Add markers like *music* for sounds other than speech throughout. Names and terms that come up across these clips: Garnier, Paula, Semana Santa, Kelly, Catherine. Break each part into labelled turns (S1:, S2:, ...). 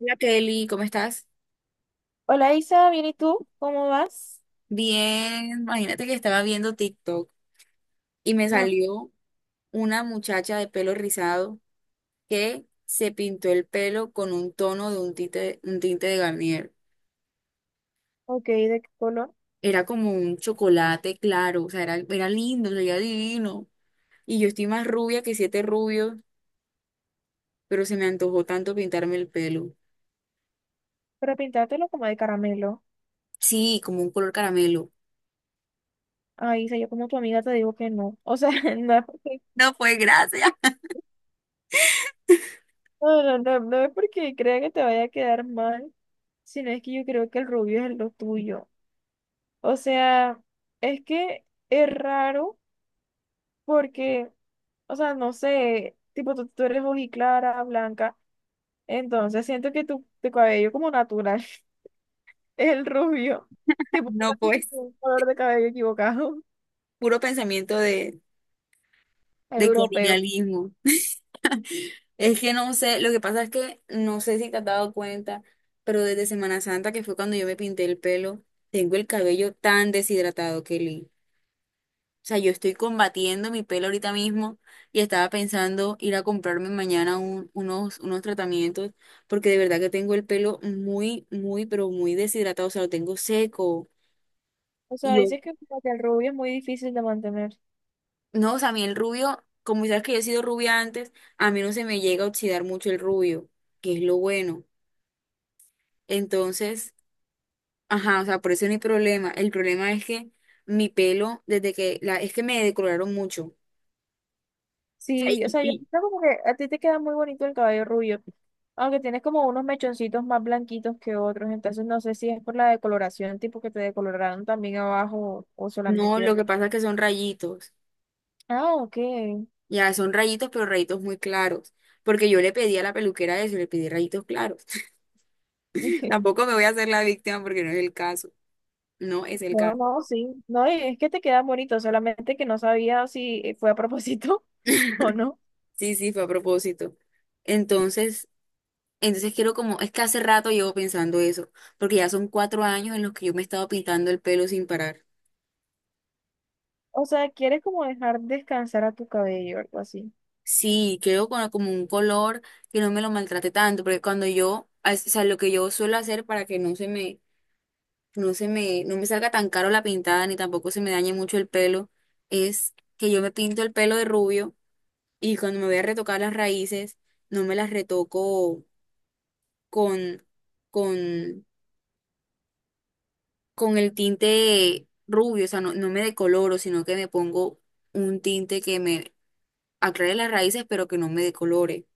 S1: Hola Kelly, ¿cómo estás?
S2: Hola Isa, bien, ¿y tú? ¿Cómo vas?
S1: Bien, imagínate que estaba viendo TikTok y me
S2: No,
S1: salió una muchacha de pelo rizado que se pintó el pelo con un tono de un tinte de Garnier.
S2: ok, ¿de qué color?
S1: Era como un chocolate claro, o sea, era lindo, se veía divino. Y yo estoy más rubia que siete rubios, pero se me antojó tanto pintarme el pelo.
S2: Para pintártelo como de caramelo.
S1: Sí, como un color caramelo.
S2: Ay, Isa, yo como tu amiga te digo que no. O sea, *laughs* no es porque,
S1: No, pues gracias. *laughs*
S2: no, no, no, no es porque crea que te vaya a quedar mal, sino es que yo creo que el rubio es lo tuyo. O sea, es que es raro porque, o sea, no sé, tipo tú eres clara, blanca, entonces siento que tu cabello como natural *laughs* es el rubio. Tipo, tú
S1: No, pues,
S2: tienes un color de cabello equivocado.
S1: puro pensamiento de
S2: Europeo.
S1: colonialismo. Es que no sé, lo que pasa es que no sé si te has dado cuenta, pero desde Semana Santa, que fue cuando yo me pinté el pelo, tengo el cabello tan deshidratado, Kelly. O sea, yo estoy combatiendo mi pelo ahorita mismo y estaba pensando ir a comprarme mañana unos tratamientos, porque de verdad que tengo el pelo muy, muy, pero muy deshidratado, o sea, lo tengo seco.
S2: O sea,
S1: Y yo,
S2: dices que como que el rubio es muy difícil de mantener.
S1: no, o sea, a mí el rubio, como sabes que yo he sido rubia antes, a mí no se me llega a oxidar mucho el rubio, que es lo bueno. Entonces. Ajá, o sea, por eso no hay problema. El problema es que mi pelo, es que me decoloraron mucho. O sea,
S2: Sí, o sea, yo creo como que a ti te queda muy bonito el cabello rubio, aunque tienes como unos mechoncitos más blanquitos que otros, entonces no sé si es por la decoloración, tipo que te decoloraron también abajo o
S1: no,
S2: solamente
S1: lo
S2: arriba.
S1: que pasa es que son rayitos.
S2: Ah, ok.
S1: Ya, son rayitos, pero rayitos muy claros. Porque yo le pedí a la peluquera eso, le pedí rayitos claros. *laughs*
S2: *laughs*
S1: Tampoco me voy a hacer la víctima porque no es el caso. No es el
S2: No,
S1: caso.
S2: no, sí. No, y es que te queda bonito, solamente que no sabía si fue a propósito *laughs* o no.
S1: Sí, sí, fue a propósito. Entonces, entonces quiero como, es que hace rato llevo pensando eso, porque ya son 4 años en los que yo me he estado pintando el pelo sin parar.
S2: O sea, quieres como dejar descansar a tu cabello o algo así.
S1: Sí, quiero con como un color que no me lo maltrate tanto, porque o sea, lo que yo suelo hacer para que no me salga tan caro la pintada ni tampoco se me dañe mucho el pelo, es que yo me pinto el pelo de rubio y cuando me voy a retocar las raíces, no me las retoco con, con, con el tinte rubio, o sea, no, no me decoloro, sino que me pongo un tinte que me aclare las raíces, pero que no me decolore.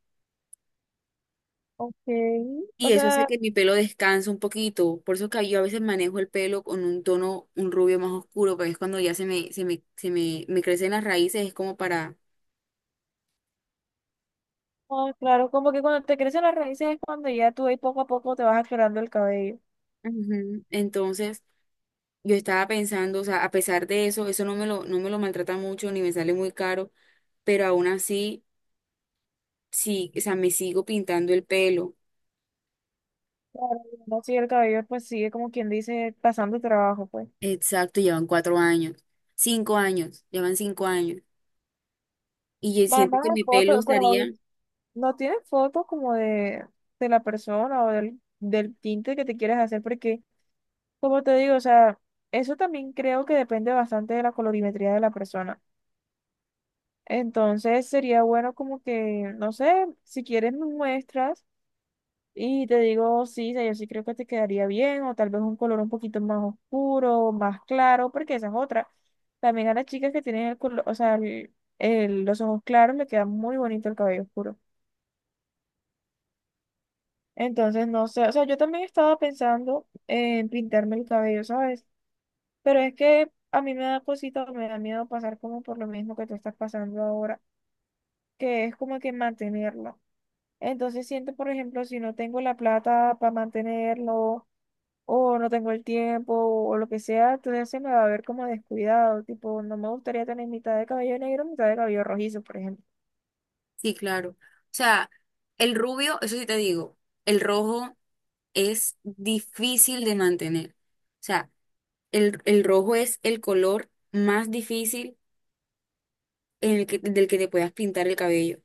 S2: Ok. O
S1: Y eso hace
S2: sea,
S1: que mi pelo descanse un poquito. Por eso que yo a veces manejo el pelo con un tono, un rubio más oscuro, porque es cuando ya me crecen las raíces, es como para.
S2: ah, claro, como que cuando te crecen las raíces es cuando ya tú ahí poco a poco te vas aclarando el cabello.
S1: Ujú. Entonces, yo estaba pensando, o sea, a pesar de eso, eso no me lo maltrata mucho, ni me sale muy caro, pero aún así, sí, o sea, me sigo pintando el pelo.
S2: Claro, no sí, el cabello pues sigue como quien dice pasando el trabajo, pues.
S1: Exacto, llevan 4 años, 5 años, llevan 5 años. Y yo
S2: Van
S1: siento
S2: a
S1: que mi pelo
S2: fotos,
S1: estaría.
S2: pero no tienes fotos como de la persona o del tinte que te quieres hacer, porque como te digo, o sea, eso también creo que depende bastante de la colorimetría de la persona. Entonces sería bueno como que, no sé, si quieres me muestras. Y te digo, sí, o sea, yo sí creo que te quedaría bien, o tal vez un color un poquito más oscuro, más claro, porque esa es otra. También a las chicas que tienen el color, o sea, los ojos claros, le queda muy bonito el cabello oscuro. Entonces, no sé, o sea, yo también estaba pensando en pintarme el cabello, ¿sabes? Pero es que a mí me da cosita, me da miedo pasar como por lo mismo que tú estás pasando ahora, que es como que mantenerlo. Entonces siento, por ejemplo, si no tengo la plata para mantenerlo, o no tengo el tiempo o lo que sea, entonces se me va a ver como descuidado, tipo, no me gustaría tener mitad de cabello negro, mitad de cabello rojizo, por ejemplo.
S1: Sí, claro. O sea, el rubio, eso sí te digo, el rojo es difícil de mantener. O sea, el rojo es el color más difícil en el que, del que te puedas pintar el cabello,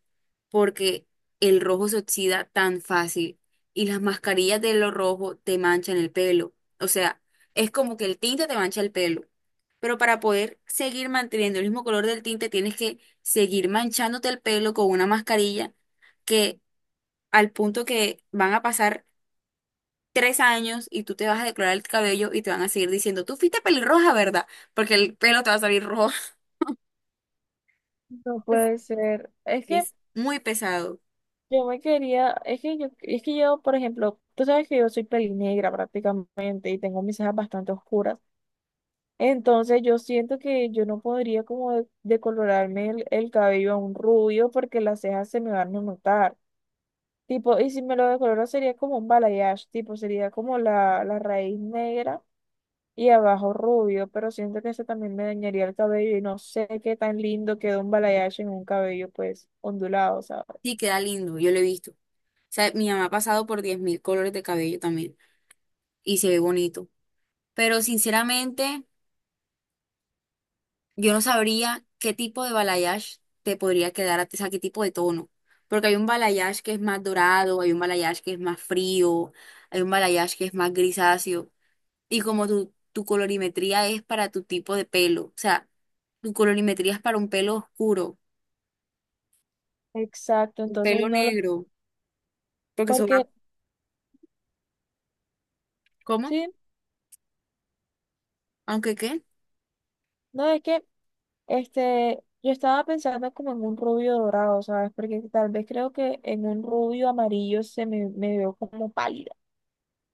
S1: porque el rojo se oxida tan fácil y las mascarillas de lo rojo te manchan el pelo. O sea, es como que el tinte te mancha el pelo. Pero para poder seguir manteniendo el mismo color del tinte, tienes que seguir manchándote el pelo con una mascarilla que al punto que van a pasar 3 años y tú te vas a decolorar el cabello y te van a seguir diciendo, tú fuiste pelirroja, ¿verdad? Porque el pelo te va a salir rojo.
S2: No
S1: *laughs*
S2: puede ser. Es que
S1: Es muy pesado.
S2: yo me quería, es que yo, por ejemplo, tú sabes que yo soy pelinegra prácticamente y tengo mis cejas bastante oscuras. Entonces yo siento que yo no podría como decolorarme el cabello a un rubio porque las cejas se me van a notar. Tipo, y si me lo decoloro sería como un balayage, tipo, sería como la raíz negra y abajo rubio, pero siento que ese también me dañaría el cabello y no sé qué tan lindo quedó un balayage en un cabello pues ondulado, ¿sabes?
S1: Sí, queda lindo, yo lo he visto. O sea, mi mamá ha pasado por 10.000 colores de cabello también y se ve bonito. Pero sinceramente, yo no sabría qué tipo de balayage te podría quedar, o sea, qué tipo de tono. Porque hay un balayage que es más dorado, hay un balayage que es más frío, hay un balayage que es más grisáceo. Y como tu colorimetría es para tu tipo de pelo, o sea, tu colorimetría es para un pelo oscuro,
S2: Exacto,
S1: un
S2: entonces
S1: pelo
S2: no lo,
S1: negro, porque eso va,
S2: porque
S1: ¿cómo?
S2: sí,
S1: Aunque qué,
S2: no es que yo estaba pensando como en un rubio dorado, ¿sabes? Porque tal vez creo que en un rubio amarillo se me, me veo como pálida,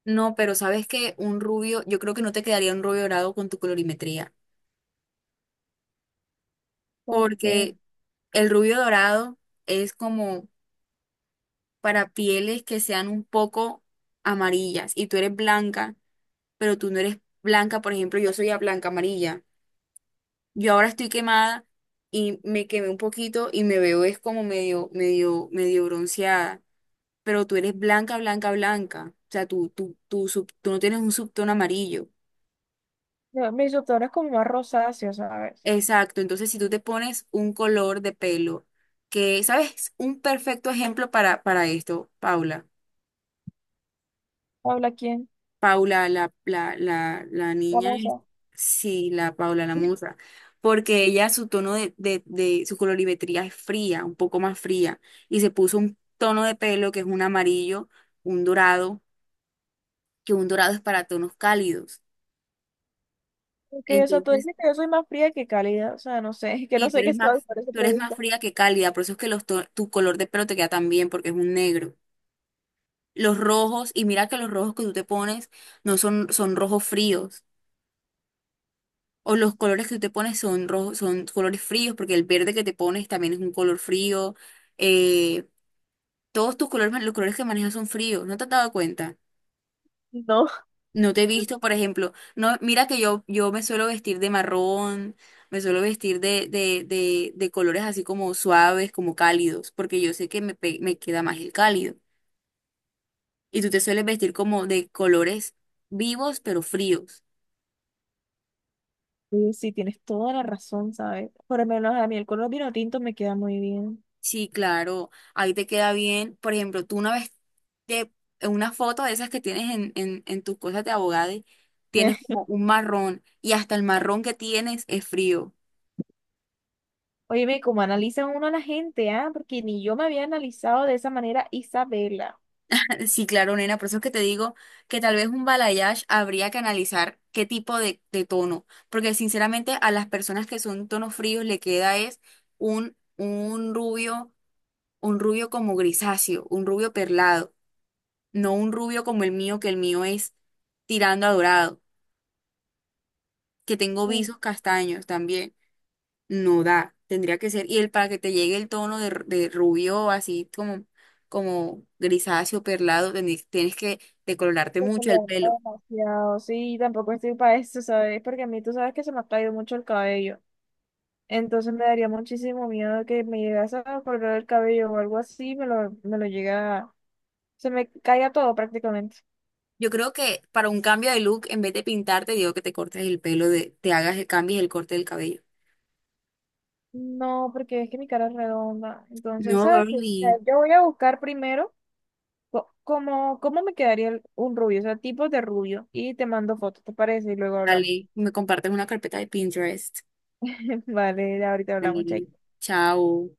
S1: no, pero sabes que un rubio, yo creo que no te quedaría un rubio dorado con tu colorimetría,
S2: porque
S1: porque el rubio dorado es como para pieles que sean un poco amarillas y tú eres blanca, pero tú no eres blanca, por ejemplo, yo soy a blanca amarilla. Yo ahora estoy quemada y me quemé un poquito y me veo es como medio, medio, medio bronceada. Pero tú eres blanca, blanca, blanca. O sea, tú no tienes un subtono amarillo.
S2: no, mis subtonos como más rosáceos, ¿sabes?
S1: Exacto. Entonces, si tú te pones un color de pelo que, ¿sabes? Un perfecto ejemplo para esto, Paula.
S2: Habla quién,
S1: Paula, la niña
S2: vamos
S1: es,
S2: a.
S1: sí, la Paula, la musa, porque ella, su tono de, su colorimetría es fría, un poco más fría, y se puso un tono de pelo que es un amarillo, un dorado, que un dorado es para tonos cálidos.
S2: Porque, o sea, tú
S1: Entonces,
S2: dices que yo soy más fría que cálida, o sea, no sé, *laughs* que
S1: sí
S2: no sé qué soy, por eso
S1: tú eres más
S2: pregunto.
S1: fría que cálida, por eso es que tu color de pelo te queda tan bien, porque es un negro. Los rojos, y mira que los rojos que tú te pones no son, son rojos fríos. O los colores que tú te pones son rojos, son colores fríos, porque el verde que te pones también es un color frío. Eh, Todos tus colores, los colores que manejas son fríos, ¿no te has dado cuenta?
S2: No.
S1: No te he visto, por ejemplo, no, mira que yo, me suelo vestir de marrón, me suelo vestir de colores así como suaves, como cálidos, porque yo sé que me queda más el cálido. Y tú te sueles vestir como de colores vivos, pero fríos.
S2: Oye, sí, tienes toda la razón, ¿sabes? Por lo menos a mí el color vino tinto me queda muy bien.
S1: Sí, claro, ahí te queda bien. Por ejemplo, tú una vez te, en una foto de esas que tienes en, en tus cosas de abogado, tienes
S2: *laughs*
S1: como un marrón y hasta el marrón que tienes es frío.
S2: Óyeme, cómo analiza uno a la gente, ¿ah? Porque ni yo me había analizado de esa manera Isabela.
S1: *laughs* Sí, claro, nena, por eso es que te digo que tal vez un balayage habría que analizar qué tipo de, tono, porque sinceramente a las personas que son tonos fríos le queda es un rubio, un rubio como grisáceo, un rubio perlado, no un rubio como el mío, que el mío es tirando a dorado. Que tengo
S2: Mm,
S1: visos castaños también. No da, tendría que ser. Y el para que te llegue el tono de, rubio, así como grisáceo, perlado, tienes que decolorarte
S2: que se le
S1: mucho el
S2: nota
S1: pelo.
S2: demasiado, sí, tampoco estoy para eso, ¿sabes? Porque a mí tú sabes que se me ha caído mucho el cabello. Entonces me daría muchísimo miedo que me llegase a correr el cabello o algo así, me lo llega, se me caiga todo prácticamente.
S1: Yo creo que para un cambio de look, en vez de pintarte, digo que te cortes el pelo, te hagas el cambio y el corte del cabello.
S2: No, porque es que mi cara es redonda. Entonces,
S1: No,
S2: ¿sabes qué? O sea,
S1: girly,
S2: yo voy a buscar primero cómo, cómo me quedaría un rubio, o sea, tipos de rubio. Y te mando fotos, ¿te parece? Y luego hablamos.
S1: dale, me compartes una carpeta de Pinterest.
S2: *laughs* Vale, ahorita hablamos,
S1: Dale,
S2: chay.
S1: chao.